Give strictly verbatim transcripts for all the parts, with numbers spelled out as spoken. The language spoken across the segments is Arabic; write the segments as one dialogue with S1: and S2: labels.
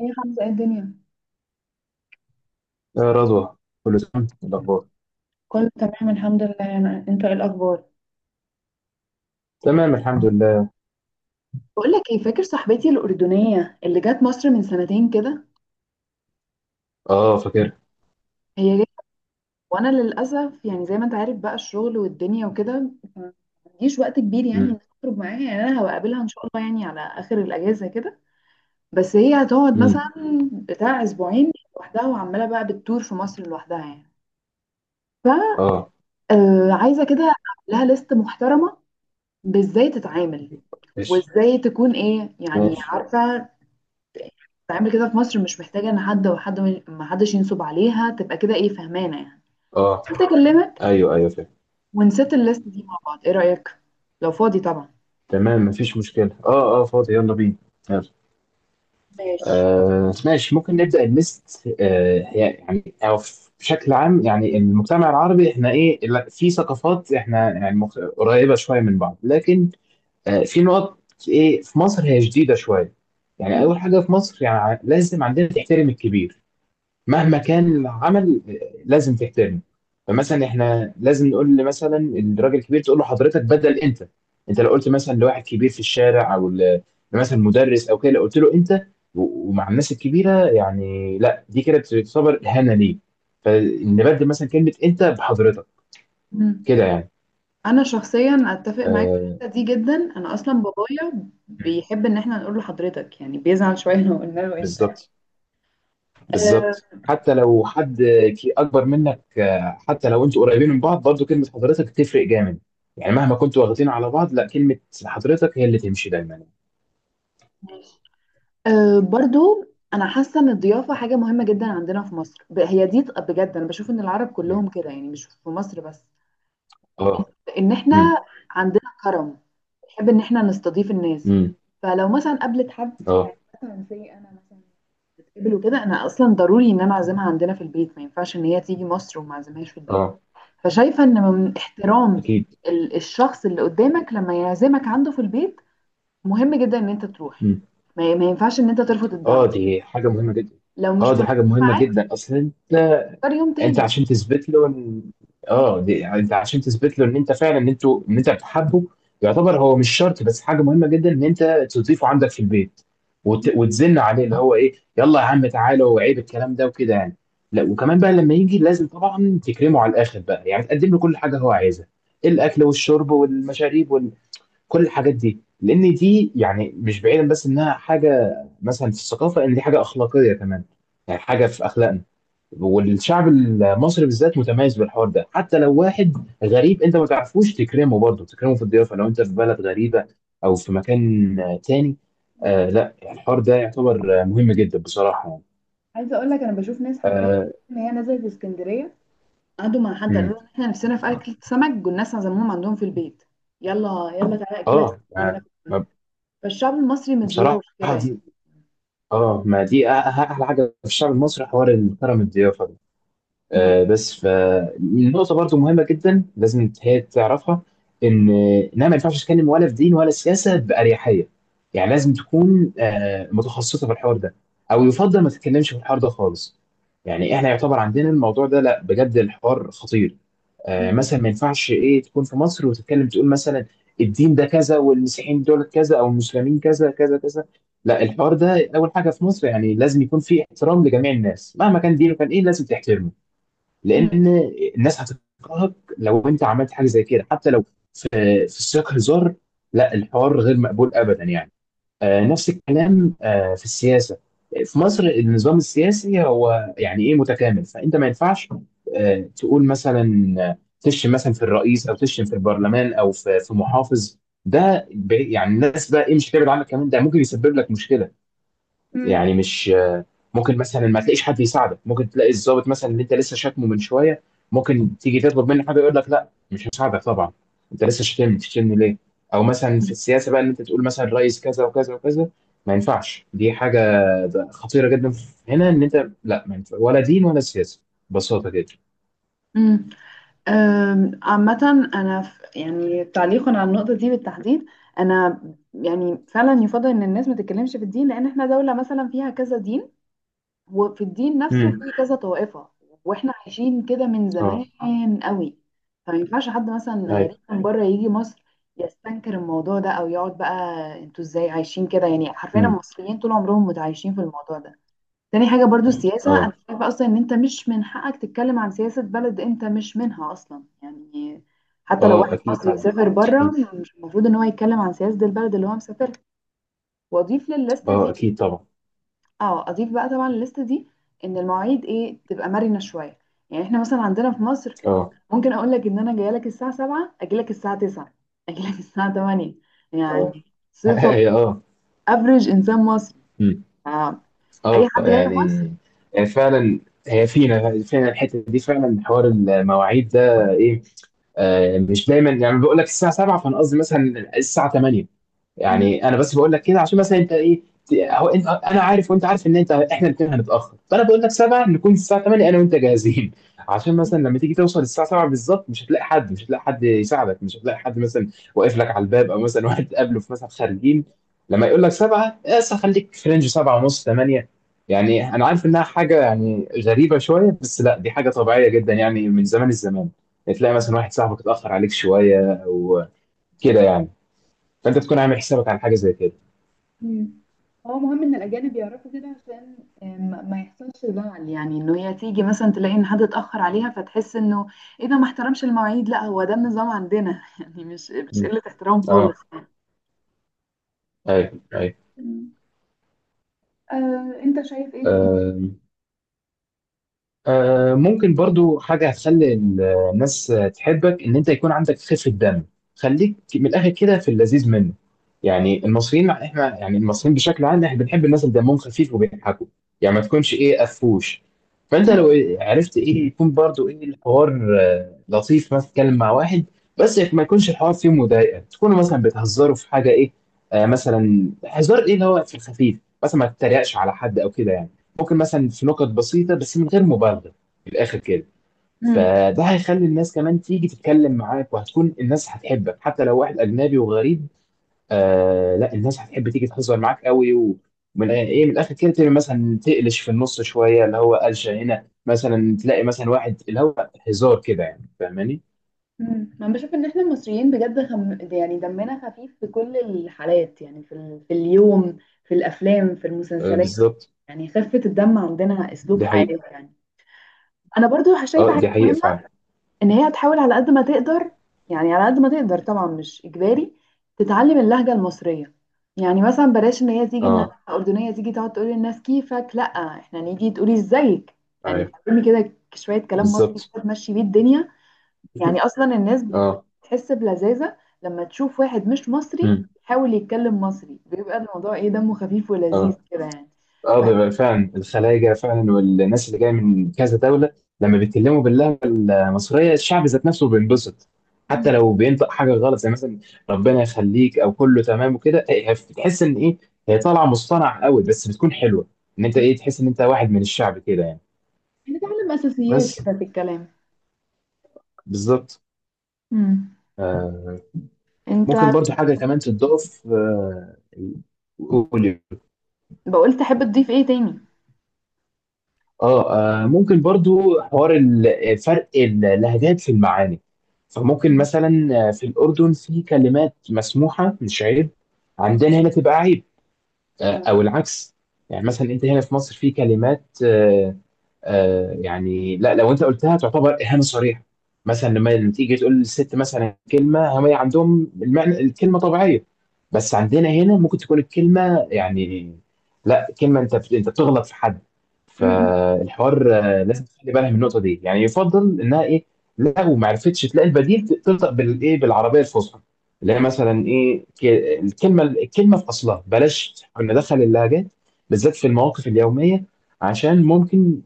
S1: ايه يا حمزة، ايه الدنيا؟
S2: يا رضوى، كله تمام؟ إيه الأخبار؟
S1: كله تمام الحمد لله. انا انت ايه الاخبار؟
S2: تمام الحمد لله.
S1: بقول لك ايه، فاكر صاحبتي الاردنيه اللي جت مصر من سنتين كده؟
S2: اه، فاكر.
S1: هي جت، وانا للاسف يعني زي ما انت عارف بقى الشغل والدنيا وكده ما عنديش وقت كبير، يعني
S2: امم.
S1: إني اخرج معاها. يعني انا هقابلها ان شاء الله يعني على اخر الاجازه كده، بس هي هتقعد مثلا
S2: امم.
S1: بتاع اسبوعين لوحدها، وعماله بقى بتدور في مصر لوحدها يعني.
S2: اه،
S1: آه، عايزه كده اعمل لها ليست محترمه بازاي تتعامل
S2: ماشي.
S1: وازاي تكون ايه يعني
S2: ماشي.
S1: عارفه تعمل كده في مصر، مش محتاجة ان حد وحد ما حدش ينصب عليها، تبقى كده ايه فهمانة يعني.
S2: اه،
S1: قلت اكلمك
S2: ايوه ايوه فاكر.
S1: ونسيت الليست دي مع بعض، ايه رأيك، لو فاضي طبعا؟
S2: تمام مفيش مشكلة، اه اه فاضي، يلا بينا. يلا.
S1: ماشي.
S2: آه ماشي، ممكن نبدأ الليست. آه يعني أو في- بشكل عام يعني المجتمع العربي احنا ايه لا- في ثقافات احنا يعني مخ- قريبة شوية من بعض، لكن آه في نقط. ايه في مصر هي جديدة شوية. يعني
S1: مم.
S2: أول حاجة في مصر يعني لازم عندنا تحترم الكبير مهما كان العمل، آه، لازم تحترمه. فمثلا احنا لازم نقول ل- مثلا الراجل الكبير تقول له حضرتك بدل انت. انت لو قلت مثلا لواحد كبير في الشارع او ل- مثلا مدرس او كده، لو قلت له انت و- ومع الناس الكبيره يعني لا، دي كده بتعتبر اهانه ليه. فنبدل مثلا كلمه انت بحضرتك
S1: مم.
S2: كده يعني.
S1: انا شخصيا اتفق معاك في
S2: آه
S1: الحتة دي جدا، انا اصلا بابايا بيحب ان احنا نقول لحضرتك، يعني بيزعل شوية لو قلنا له انت.
S2: بالظبط.
S1: أه
S2: بالظبط حتي لو حد في اكبر منك، آه حتى لو انتوا قريبين من بعض برضو كلمه حضرتك تفرق جامد. يعني مهما كنتوا واخدين على بعض، لا، كلمه حضرتك هي اللي تمشي دايما.
S1: ماشي، أه برضو. انا حاسة ان الضيافة حاجة مهمة جدا عندنا في مصر، ب- هي دي ط- بجد انا بشوف ان العرب
S2: مم.
S1: كلهم كده يعني، مش في مصر بس.
S2: اه.
S1: ان احنا
S2: مم.
S1: عندنا كرم، بنحب ان احنا نستضيف الناس.
S2: مم.
S1: فلو مثلا قابلت حد
S2: اه.
S1: مثلا، زي انا مثلا بتقابل وكده، انا اصلا ضروري ان انا اعزمها عندنا في البيت. ما ينفعش ان هي تيجي مصر وما اعزمهاش في البيت.
S2: اه
S1: فشايفه ان من احترام
S2: اكيد.
S1: ال- الشخص اللي قدامك لما يعزمك عنده في البيت، مهم جدا ان انت تروح.
S2: مم.
S1: ما ما ينفعش ان انت ترفض
S2: اه
S1: الدعوه.
S2: دي حاجه مهمه جدا.
S1: لو
S2: اه
S1: مش
S2: دي
S1: مناسب
S2: حاجه مهمه
S1: معاك،
S2: جدا اصلا.
S1: اختار يوم
S2: انت
S1: تاني.
S2: عشان تثبت له ان اه دي... يعني انت عشان تثبت له ان انت فعلا ان انتوا ان انت بتحبه. يعتبر هو مش شرط، بس حاجه مهمه جدا ان انت تضيفه عندك في البيت وت... وتزن عليه، اللي هو ايه يلا يا عم تعالى وعيب الكلام ده وكده يعني. لا، وكمان بقى لما يجي لازم طبعا تكرمه على الاخر بقى، يعني تقدم له كل حاجه هو عايزها، الاكل والشرب والمشاريب وكل الحاجات دي، لان دي يعني مش بعيدا، بس انها حاجه مثلا في الثقافه ان دي حاجه اخلاقيه كمان، يعني حاجه في اخلاقنا. والشعب المصري بالذات متميز بالحوار ده. حتى لو واحد غريب انت ما تعرفوش، تكرمه برضه، تكرمه في الضيافه. لو انت في بلد غريبه او في مكان آه تاني. آه لا، الحوار ده يعتبر آه مهم جدا بصراحه يعني.
S1: عايزه اقول لك، انا بشوف ناس حرفيا
S2: اه.
S1: ان هي نزلت اسكندريه، قعدوا مع حد قالوا
S2: مم.
S1: لهم احنا نفسنا في اكل سمك، والناس عزموهم عندهم في البيت: يلا يلا تعالى اكلك سمك
S2: آه
S1: عندنا
S2: ما-
S1: في
S2: ما-
S1: البيت. فالشعب المصري مضياف
S2: بصراحه
S1: كده يعني.
S2: دي اه ما دي أ- أ- احلى حاجه في الشعب المصري، حوار الكرم الضيافه ده.
S1: مم.
S2: آه، بس فالنقطة برضو مهمة جدا لازم هي تعرفها، إن إنها ما ينفعش تتكلم ولا في دين ولا سياسة بأريحية. يعني لازم تكون آه متخصصة في الحوار ده، أو يفضل ما تتكلمش في الحوار ده خالص. يعني إحنا يعتبر عندنا الموضوع ده لا، بجد الحوار خطير. آه
S1: مم.
S2: مثلا ما ينفعش إيه تكون في مصر وتتكلم تقول مثلا الدين ده كذا والمسيحيين دول كذا أو المسلمين كذا كذا كذا. لا الحوار ده، أول حاجة في مصر يعني لازم يكون فيه احترام لجميع الناس. مهما كان دينه كان إيه لازم تحترمه،
S1: مم.
S2: لان الناس هتكرهك لو انت عملت حاجه زي كده. حتى لو في في سياق هزار، لا الحوار غير مقبول ابدا يعني. آه نفس الكلام آه في السياسه. في مصر النظام السياسي هو يعني ايه متكامل، فانت ما ينفعش آه تقول مثلا آه تشتم مثلا في الرئيس او تشتم في البرلمان او في في محافظ. ده بي- يعني الناس بقى ايه مش هتبعد عنك، كمان ده ممكن يسبب لك مشكله.
S1: مم.
S2: يعني مش ممكن مثلا ما تلاقيش حد يساعدك. ممكن تلاقي الضابط مثلا اللي انت لسه شاتمه من شويه، ممكن تيجي تطلب منه حاجه يقول لك لا مش هساعدك طبعا، انت لسه شاتمني، تشتمني ليه؟ او مثلا في السياسه بقى ان انت تقول مثلا رئيس كذا وكذا وكذا، ما ينفعش. دي حاجه خطيره جدا هنا. ان انت لا ما ينفع ولا دين ولا سياسه، ببساطه جدا.
S1: امم أم، عامة أنا ف- يعني تعليقا على النقطة دي بالتحديد، أنا يعني فعلا يفضل إن الناس ما تتكلمش في الدين، لأن إحنا دولة مثلا فيها كذا دين، وفي الدين نفسه في
S2: امم.
S1: كذا طائفة، واحنا عايشين كده من
S2: اه.
S1: زمان قوي. فما ينفعش حد مثلا
S2: ايوه.
S1: غريب من بره يجي مصر يستنكر الموضوع ده او يقعد بقى، انتوا ازاي عايشين كده؟ يعني حرفيا
S2: امم.
S1: المصريين طول عمرهم متعايشين في الموضوع ده. تاني حاجة برضو السياسة، انا
S2: اه.
S1: شايفة اصلا ان انت مش من حقك تتكلم عن سياسة بلد انت مش منها اصلا يعني. حتى لو
S2: اه
S1: واحد
S2: اكيد
S1: مصري
S2: طبعا.
S1: مسافر بره،
S2: اكيد.
S1: مش المفروض ان هو يتكلم عن سياسة البلد اللي هو مسافرها. واضيف للليست
S2: اه
S1: دي،
S2: اكيد طبعا.
S1: اه اضيف بقى طبعا الليسته دي ان المواعيد ايه تبقى مرنه شويه. يعني احنا مثلا عندنا في مصر،
S2: اه.
S1: ممكن اقول لك ان انا جايه لك الساعه السابعة، اجي لك الساعه تسعة، اجي لك الساعه الثامنة
S2: اه.
S1: يعني. صفه
S2: اه.
S1: افريج انسان مصري.
S2: مم.
S1: آه. اي
S2: اه
S1: حد جاي مصر.
S2: يعني. يعني فعلا هي فينا فينا الحته دي فعلا، حوار المواعيد ده ايه. آه مش دايما، يعني بقول لك الساعه سبعة فانا قصدي مثلا الساعه تمانية.
S1: مم.
S2: يعني أنا بس باقول لك كده عشان مثلًا أنت إيه ت أهو أنت أنا عارف وأنت عارف إن أنت إحنا الاتنين هنتأخر، فأنا باقول لك سبعة نكون الساعة تمانية أنا وأنت جاهزين. عشان مثلًا لمّا تيجي توصل الساعة سبعة بالضبط مش هتلاقي حد، مش هتلاقي حد يساعدك، مش هتلاقي حد مثلًا واقف لك على الباب، أو مثلًا واحد تقابله في مثلًا خارجين. لمّا يقول لك سبعة مثلًا خلّيك في رينج سبعة ونص تمانية. يعني أنا عارف إنها حاجة يعني غريبة شوية، بس لأ دي حاجة طبيعية جدًا يعني من زمان الزمان. تلاقي مثلًا واحد صاحبك اتأخر عليك شوية أو كده يعني. فانت تكون عامل حسابك على حاجه زي كده.
S1: مم. هو مهم ان الاجانب يعرفوا كده، عشان آه، ما ما يحصلش زعل، يعني انه هي تيجي مثلا تلاقي ان حد اتاخر عليها فتحس انه ايه ده، ما احترمش المواعيد. لا، هو ده النظام عندنا يعني مش مش
S2: مم.
S1: قله احترام خالص.
S2: اه. ايوه ايوه.
S1: آه، انت شايف ايه تاني؟
S2: آم. آه ممكن برضو حاجة هتخلي الناس تحبك، إن أنت يكون عندك خفة دم. خليك من الآخر كده في اللذيذ منه. يعني المصريين إحنا، يعني المصريين بشكل عام إحنا بنحب الناس اللي دمهم خفيف وبيضحكوا. يعني ما تكونش إيه قفوش. فأنت لو عرفت إيه يكون برضو إيه الحوار آه لطيف، مثلا تتكلم مع واحد، بس ما يكونش الحوار فيه مضايقة. تكونوا مثلا بتهزروا في حاجة إيه، آه مثلا هزار إيه اللي هو في الخفيف. مثلا ما تتريقش على حد أو كده يعني. ممكن مثلا في نقط بسيطة بس من غير مبالغة، من الآخر كده.
S1: مم.
S2: فده هيخلي الناس كمان تيجي تتكلم معاك، وهتكون الناس هتحبك حتى لو واحد أجنبي وغريب. آه لا الناس هتحب تيجي تهزر معاك قوي، ومن ايه من الآخر كده تبقى مثلا تقلش في النص شوية، اللي هو قلشة هنا مثلا تلاقي مثلا واحد اللي هو هزار كده يعني، فاهماني؟
S1: مم. انا بشوف ان احنا المصريين بجد خم... يعني دمنا خفيف في كل الحالات، يعني في, ال... في اليوم، في الافلام، في
S2: آه
S1: المسلسلات.
S2: بالظبط.
S1: يعني خفة الدم عندنا اسلوب
S2: دي
S1: حياة
S2: حقيقة.
S1: يعني. انا برضو شايفة
S2: اه
S1: حاجة
S2: دي حقيقة
S1: مهمة،
S2: فعلا.
S1: ان هي تحاول على قد ما تقدر، يعني على قد ما تقدر طبعا مش اجباري، تتعلم اللهجه المصريه. يعني مثلا بلاش ان هي تيجي، ان انا
S2: اه.
S1: اردنيه تيجي تقعد تقول للناس كيفك، لا احنا نيجي تقولي ازيك. يعني
S2: أيوة.
S1: تعلمي كده شويه كلام مصري
S2: بالظبط.
S1: كده تمشي بيه الدنيا. يعني اصلا الناس
S2: اه.
S1: بتحس بلذاذه لما تشوف واحد مش مصري
S2: مم.
S1: يحاول يتكلم مصري، بيبقى الموضوع ايه دمه خفيف ولذيذ
S2: اه.
S1: كده يعني.
S2: اه
S1: بحس.
S2: بيبقى فعلا الخلايجه فعلا والناس اللي جايه من كذا دوله لما بيتكلموا باللهجه المصريه الشعب ذات نفسه بينبسط. حتى
S1: مم.
S2: لو بينطق حاجه غلط زي مثلا ربنا يخليك او كله تمام وكده، إيه بتحس ان ايه هي طالعه مصطنعه قوي، بس بتكون حلوه، ان انت
S1: مم.
S2: ايه تحس ان انت واحد من الشعب كده يعني.
S1: يعني تعلم اساسيات
S2: بس.
S1: كده في الكلام.
S2: بالظبط.
S1: مم.
S2: آه.
S1: انت
S2: ممكن برضو حاجه كمان تضاف. آه قول.
S1: بقول تحب تضيف ايه تاني؟
S2: اه. آه ممكن برضو حوار ال- فرق اللهجات في المعاني. فممكن
S1: مم.
S2: مثلا آه في الأردن في كلمات مسموحة مش عيب، عندنا هنا تبقى عيب، آه او
S1: آه.
S2: العكس. يعني مثلا انت هنا في مصر في كلمات آه آه يعني لا لو انت قلتها تعتبر اهانه صريحه. مثلا لما تيجي تقول للست مثلا كلمه، هم عندهم المعنى الكلمه طبيعيه، بس عندنا هنا ممكن تكون الكلمه يعني لا، كلمه انت بت- انت بتغلط في حد.
S1: مم.
S2: فالحوار آه لازم تخلي بالها من النقطه دي. يعني يفضل انها ايه لو ما عرفتش تلاقي البديل، تنطق بالايه بالعربيه الفصحى، اللي هي مثلا ايه ك- الكلمه الكلمه في اصلها، بلاش ندخل اللهجات بالذات في المواقف اليوميه، عشان ممكن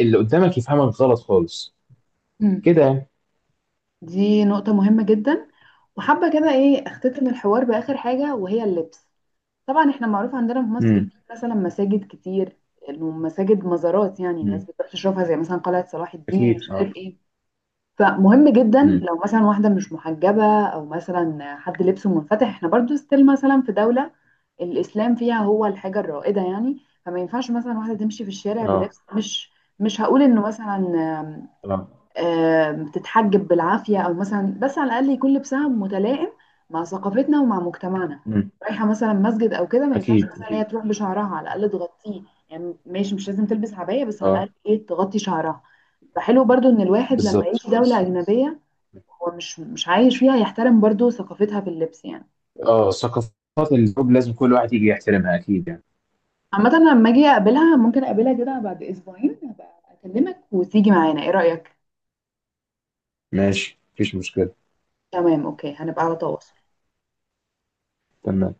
S2: اللي قدامك يفهمك غلط خالص
S1: مم.
S2: كده.
S1: دي نقطة مهمة جدا. وحابة كده ايه اختتم الحوار بآخر حاجة وهي اللبس. طبعا احنا معروف عندنا في مصر في
S2: امم.
S1: مثلا مساجد كتير، المساجد مزارات، يعني الناس
S2: امم
S1: بتروح تشوفها زي مثلا قلعة صلاح الدين مش
S2: اكيد. اه.
S1: عارف ايه. فمهم جدا
S2: امم.
S1: لو مثلا واحدة مش محجبة أو مثلا حد لبسه منفتح، احنا برضو ستيل مثلا في دولة الإسلام فيها هو الحاجة الرائدة يعني. فما ينفعش مثلا واحدة تمشي في الشارع
S2: اه.
S1: بلبس مش، مش هقول إنه مثلا آم،
S2: اه.
S1: آم، تتحجب بالعافية أو مثلا، بس على الأقل يكون لبسها متلائم مع ثقافتنا ومع مجتمعنا.
S2: امم.
S1: رايحة مثلا مسجد أو كده، ما ينفعش
S2: اكيد
S1: مثلا هي
S2: اكيد.
S1: تروح بشعرها، على الأقل تغطيه. يعني ماشي مش لازم تلبس عباية، بس على الأقل
S2: اه
S1: إيه تغطي شعرها. فحلو برضو إن الواحد لما
S2: بالظبط
S1: يجي دولة
S2: بالظبط.
S1: أجنبية هو مش مش عايش فيها، يحترم برضو ثقافتها في اللبس يعني.
S2: اه، ثقافات الجروب لازم كل واحد يجي يحترمها اكيد يعني.
S1: عامة أنا لما اجي اقابلها، ممكن اقابلها كده بعد اسبوعين، هبقى اكلمك وتيجي معانا، ايه رأيك؟
S2: ماشي مفيش مشكله.
S1: تمام اوكي، هنبقى على تواصل.
S2: تمام.